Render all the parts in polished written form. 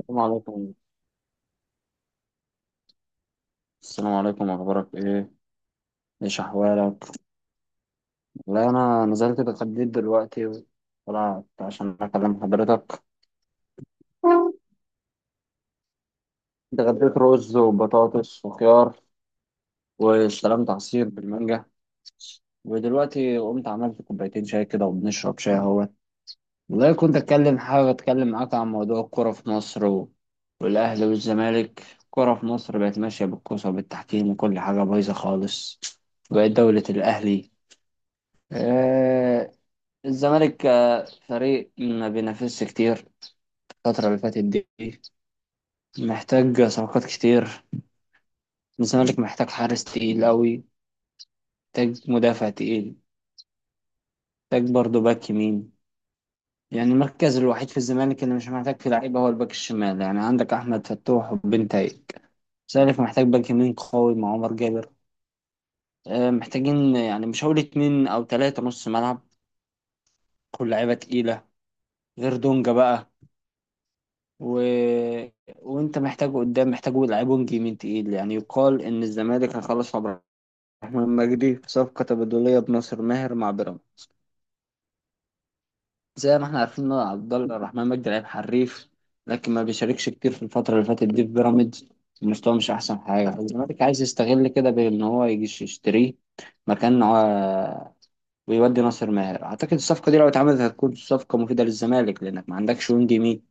السلام عليكم. السلام عليكم، اخبارك ايه؟ ايش احوالك؟ لا انا نزلت اتغديت دلوقتي، طلعت عشان اكلم حضرتك. اتغديت رز وبطاطس وخيار، واستلمت عصير بالمانجا، ودلوقتي قمت عملت كوبايتين شاي كده وبنشرب شاي اهوت. والله كنت اتكلم، حابب اتكلم معاك عن موضوع الكوره في مصر والاهلي والزمالك. الكوره في مصر بقت ماشيه بالكوسه وبالتحكيم وكل حاجه بايظه خالص. بقت دوله الاهلي. آه، الزمالك فريق ما بينافسش كتير الفترة اللي فاتت دي. محتاج صفقات كتير. الزمالك محتاج حارس تقيل أوي، محتاج مدافع تقيل، محتاج برضه باك يمين. يعني المركز الوحيد في الزمالك اللي مش محتاج فيه لعيبة هو الباك الشمال، يعني عندك أحمد فتوح وبنتايج. الزمالك محتاج باك يمين قوي مع عمر جابر. آه، محتاجين يعني مش هقول اتنين أو تلاتة نص ملعب، كل لعيبة تقيلة غير دونجا بقى. و... وانت محتاجه قدام، محتاجه يلعبه جيمين تقيل. يعني يقال ان الزمالك هيخلص عبد الرحمن مجدي في صفقه تبادليه بناصر ماهر مع بيراميدز. زي ما احنا عارفين ان عبد الرحمن مجدي لعيب حريف، لكن ما بيشاركش كتير في الفتره اللي فاتت دي في بيراميدز، المستوى مش احسن حاجه. الزمالك عايز يستغل كده بان هو يجي يشتريه مكان ويودي ناصر ماهر. اعتقد الصفقه دي لو اتعملت هتكون صفقه مفيده للزمالك، لانك ما عندكش وينج يمين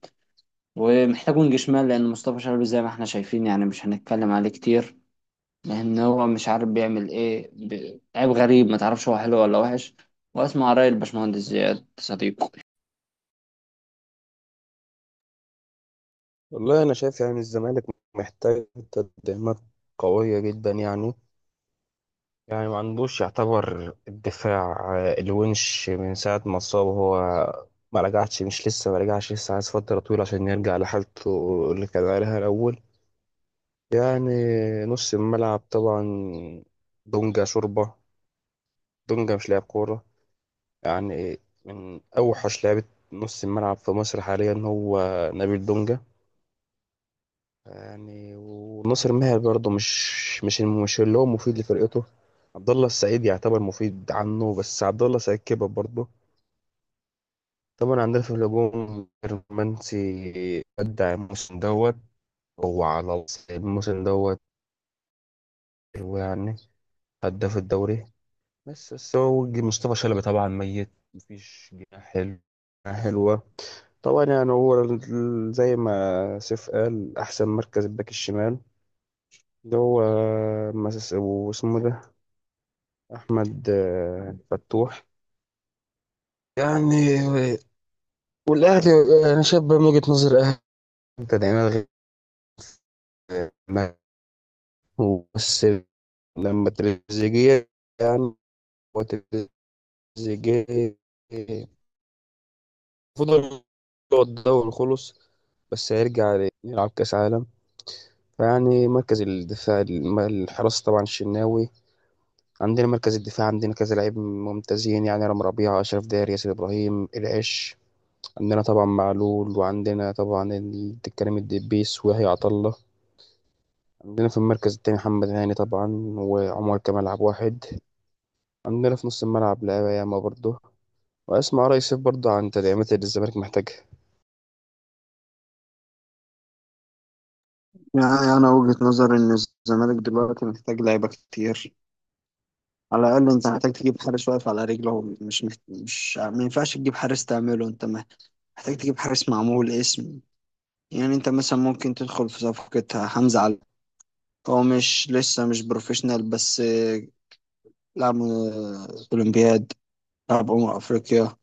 ومحتاج وينج شمال، لان مصطفى شلبي زي ما احنا شايفين يعني مش هنتكلم عليه كتير، لان هو مش عارف بيعمل ايه. لعيب غريب ما تعرفش هو حلو ولا وحش. واسمع رأي الباشمهندس زياد صديقه. والله، انا شايف يعني الزمالك محتاج تدعيمات قويه جدا. يعني ما عندوش، يعتبر الدفاع. الونش من ساعه ما اتصاب، هو ما رجعش، مش لسه ما رجعش، لسه عايز فتره طويله عشان يرجع لحالته اللي كان عليها الاول. يعني نص الملعب طبعا، دونجا شوربه، دونجا مش لاعب كوره، يعني من اوحش لعيبه. نص الملعب في مصر حاليا هو نبيل دونجا. يعني وناصر ماهر برضه مش اللي هو مفيد لفرقته. عبد الله السعيد يعتبر مفيد عنه، بس عبد الله السعيد كبر برضه. طبعا عندنا في الهجوم رومانسي، أدى الموسم دوت. هو على الموسم دوت، هو يعني هداف الدوري. بس هو مصطفى شلبي طبعا ميت، مفيش جناح حلو، جناح حلوة. طبعا يعني هو زي ما سيف قال أحسن مركز الباك الشمال، ده هو واسمه ده احمد فتوح. يعني والاهلي، انا شايف بقى من وجهة نظر اهلي، انت دايما غير ما- بس لما تريزيجيه، يعني هو تريزيجيه المفروض، هو الدوري خلص بس هيرجع يلعب كاس عالم. فيعني مركز الدفاع الحراسة طبعا الشناوي. عندنا مركز الدفاع عندنا كذا لعيب ممتازين، يعني رام ربيعة، أشرف داري، ياسر إبراهيم، العش. عندنا طبعا معلول، وعندنا طبعا الكريم الدبيس ويحيى عطا الله. عندنا في المركز التاني محمد هاني طبعا، وعمر كمال عبد الواحد. عندنا في نص الملعب لعيبة ياما برضه. وأسمع رأي سيف برضه عن تدعيمات اللي الزمالك محتاجها. يعني أنا وجهة نظري إن الزمالك دلوقتي محتاج لعيبة كتير. على الأقل أنت محتاج تجيب حارس واقف على رجله، مش ما ينفعش تجيب حارس تعمله أنت محتاج تجيب حارس معمول اسم. يعني أنت مثلا ممكن تدخل في صفقة حمزة علي، هو مش لسه مش بروفيشنال بس لعبوا الأولمبياد، لعبوا أمم أفريقيا،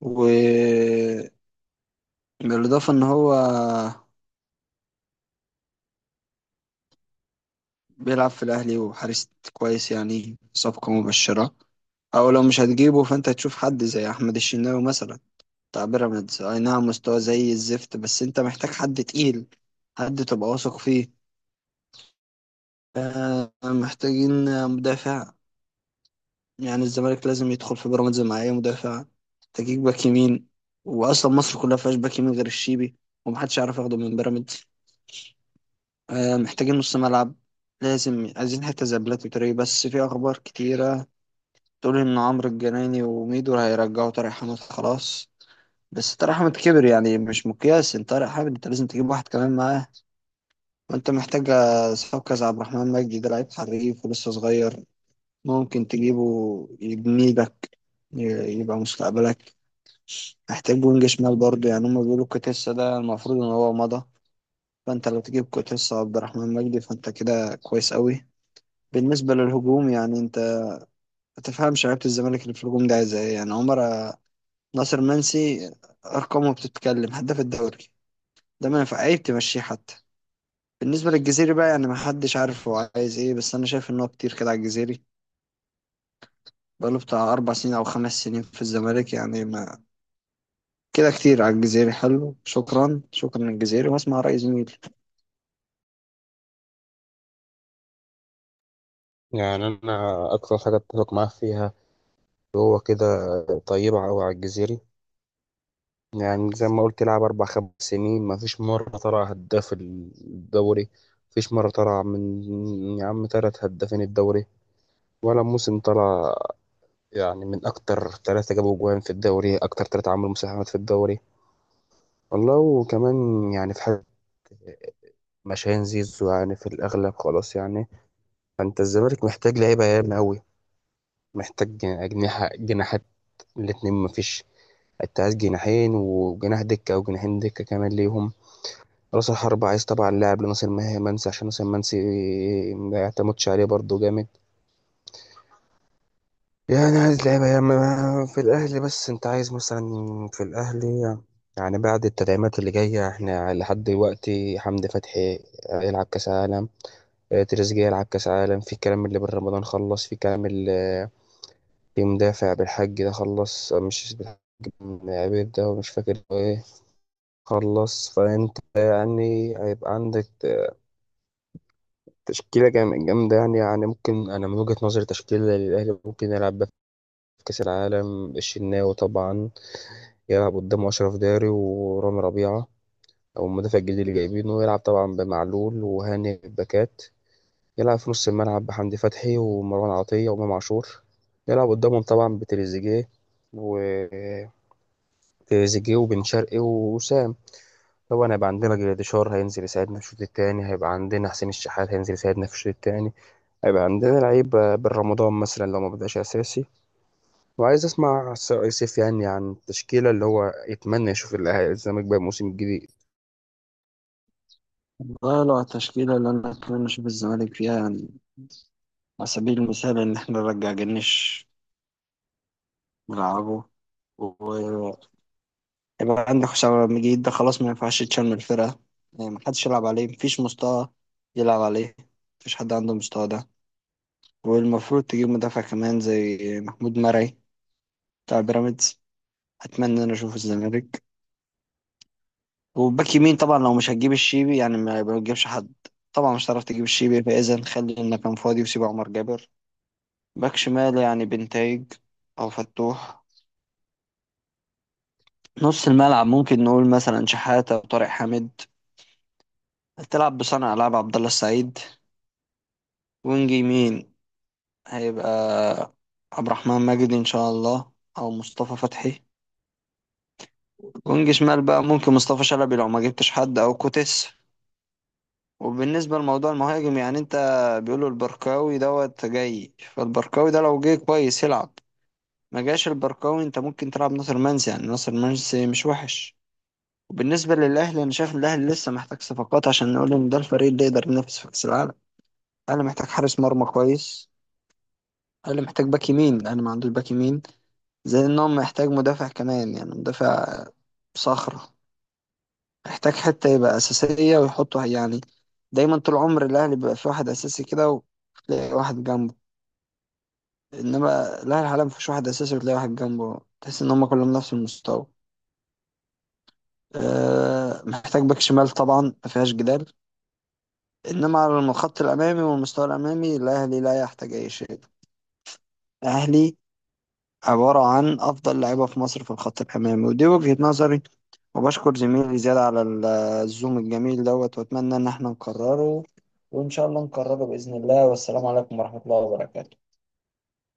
وبالإضافة إن هو بيلعب في الأهلي وحارس كويس، يعني صفقة مبشرة. أو لو مش هتجيبه فأنت هتشوف حد زي أحمد الشناوي مثلا بتاع بيراميدز، أي نعم مستواه زي الزفت بس أنت محتاج حد تقيل، حد تبقى واثق فيه. آه، محتاجين مدافع. يعني الزمالك لازم يدخل في بيراميدز مع اي مدافع. تجيب باك يمين، واصلا مصر كلها فيهاش باك يمين غير الشيبي، ومحدش عارف ياخده من بيراميدز. آه محتاجين نص ملعب، لازم عايزين حتة زي بلاتي تري. بس في اخبار كتيرة تقول ان عمرو الجناني وميدو هيرجعوا. طارق حامد خلاص، بس طارق حامد كبر يعني مش مقياس. انت طارق حامد انت لازم تجيب واحد كمان معاه. وانت محتاج صفقة زي عبد الرحمن مجدي، ده لعيب حريف ولسه صغير، ممكن تجيبه يبني لك يبقى مستقبلك. محتاج وينج شمال برضه، يعني هما بيقولوا كوتيسا ده المفروض ان هو مضى، فانت لو تجيب كوتيسا وعبد الرحمن مجدي فانت كده كويس قوي. بالنسبة للهجوم يعني انت ما تفهمش لعيبة الزمالك اللي في الهجوم ده عايزة ايه. يعني عمر ناصر منسي، ارقامه بتتكلم، هداف الدوري، ده ما ينفع عيب تمشيه حتى. بالنسبة للجزيري بقى يعني ما حدش عارف هو عايز ايه، بس انا شايف ان هو كتير كده على الجزيري، بقاله بتاع أربع سنين أو خمس سنين في الزمالك، يعني ما كده كتير على الجزيري. حلو، شكرا، شكرا للجزيري، واسمع رأي زميلي. يعني أنا أكتر حاجة أتفق معاه فيها، هو كده طيبة أوي على الجزيري. يعني زي ما قلت لعب 4 5 سنين، مفيش مرة طلع هداف الدوري، مفيش مرة طلع من يا عم تلات هدافين الدوري، ولا موسم طلع يعني من أكتر ثلاثة جابوا جوان في الدوري، أكتر ثلاثة عملوا مساهمات في الدوري والله. وكمان يعني في حاجة مشاهين زيزو، يعني في الأغلب خلاص يعني. فأنت الزمالك محتاج لعيبة ياما أوي، محتاج أجنحة، جناحات الاتنين مفيش. أنت عايز جناحين وجناح دكة، أو جناحين دكة كمان ليهم. رأس الحربة عايز طبعا لاعب لناصر منسي، عشان ناصر منسي ما يعتمدش عليه برضه جامد. يعني عايز لعيبة يا ما- في الأهلي. بس أنت عايز مثلا في الأهلي، يعني بعد التدعيمات اللي جاية إحنا لحد دلوقتي، حمدي فتحي هيلعب كأس عالم، تريزيجيه يلعب كأس عالم، في الكلام اللي بن رمضان خلص، في كلام اللي في مدافع بالحج ده خلص، مش بالحج، بن عبيد ده، مش فاكر هو إيه، خلص. فأنت يعني هيبقى عندك تشكيلة جامدة. يعني ممكن أنا من وجهة نظري تشكيلة للأهلي ممكن يلعب بيها في كأس العالم، الشناوي طبعا يلعب قدام أشرف داري ورامي ربيعة، أو المدافع الجديد اللي جايبينه، يلعب طبعا بمعلول وهاني باكات. يلعب في نص الملعب بحمدي فتحي ومروان عطية وإمام عاشور. يلعب قدامهم طبعا بتريزيجيه، و تريزيجيه وبن شرقي ووسام. طبعا هيبقى عندنا جراديشار هينزل يساعدنا في الشوط التاني، هيبقى عندنا حسين الشحات هينزل يساعدنا في الشوط التاني، هيبقى عندنا لعيب بن رمضان مثلا لو ما بدأش أساسي. وعايز أسمع يوسف، يعني عن التشكيلة اللي هو يتمنى يشوف اللي هيلزمك بقى الموسم الجديد. والله لو على التشكيلة اللي أنا أتمنى أشوف الزمالك فيها، يعني على سبيل المثال إن إحنا نرجع جنش نلعبه، ويبقى عندك حسام عبد المجيد ده خلاص ما ينفعش يتشال من الفرقة، يعني محدش يلعب عليه، مفيش مستوى يلعب عليه، مفيش حد عنده المستوى ده. والمفروض تجيب مدافع كمان زي محمود مرعي بتاع بيراميدز، أتمنى إن أنا أشوفه الزمالك. وباك يمين طبعا لو مش هتجيب الشيبي يعني ما تجيبش حد، طبعا مش هتعرف تجيب الشيبي، فإذا خلي إنك كان فاضي وسيب عمر جابر. باك شمال يعني بنتايج او فتوح. نص الملعب ممكن نقول مثلا شحاتة وطارق حامد، هتلعب بصانع العاب عبد الله السعيد. وينج يمين هيبقى عبد الرحمن ماجدي ان شاء الله، او مصطفى فتحي. وينج شمال بقى ممكن مصطفى شلبي لو ما جبتش حد، او كوتس. وبالنسبة لموضوع المهاجم يعني انت، بيقولوا البركاوي دوت جاي، فالبركاوي ده لو جه كويس يلعب. ما جاش البركاوي انت ممكن تلعب ناصر منسي، يعني ناصر منسي مش وحش. وبالنسبة للأهلي أنا شايف إن الأهلي لسه محتاج صفقات عشان نقول إن ده الفريق اللي يقدر ينافس في كأس العالم. الأهلي محتاج حارس مرمى كويس، الأهلي محتاج باك يمين، الأهلي ما عندوش باك يمين، زي إن هو محتاج مدافع كمان، يعني مدافع صخرة، محتاج حتة يبقى أساسية ويحطه. يعني دايما طول عمر الأهلي بيبقى في واحد أساسي كده وتلاقي واحد جنبه، إنما الأهلي حاليا مفيش واحد أساسي وتلاقي واحد جنبه، تحس إن هما كلهم نفس المستوى. أه محتاج باك شمال طبعا مفيهاش جدال. إنما على الخط الأمامي والمستوى الأمامي الأهلي لا يحتاج أي شيء، الأهلي عبارة عن أفضل لعيبة في مصر في الخط الأمامي، ودي وجهة نظري. وبشكر زميلي زياد على الزوم الجميل دوت، وأتمنى إن احنا نكرره، وإن شاء الله نكرره بإذن الله، والسلام عليكم ورحمة الله وبركاته.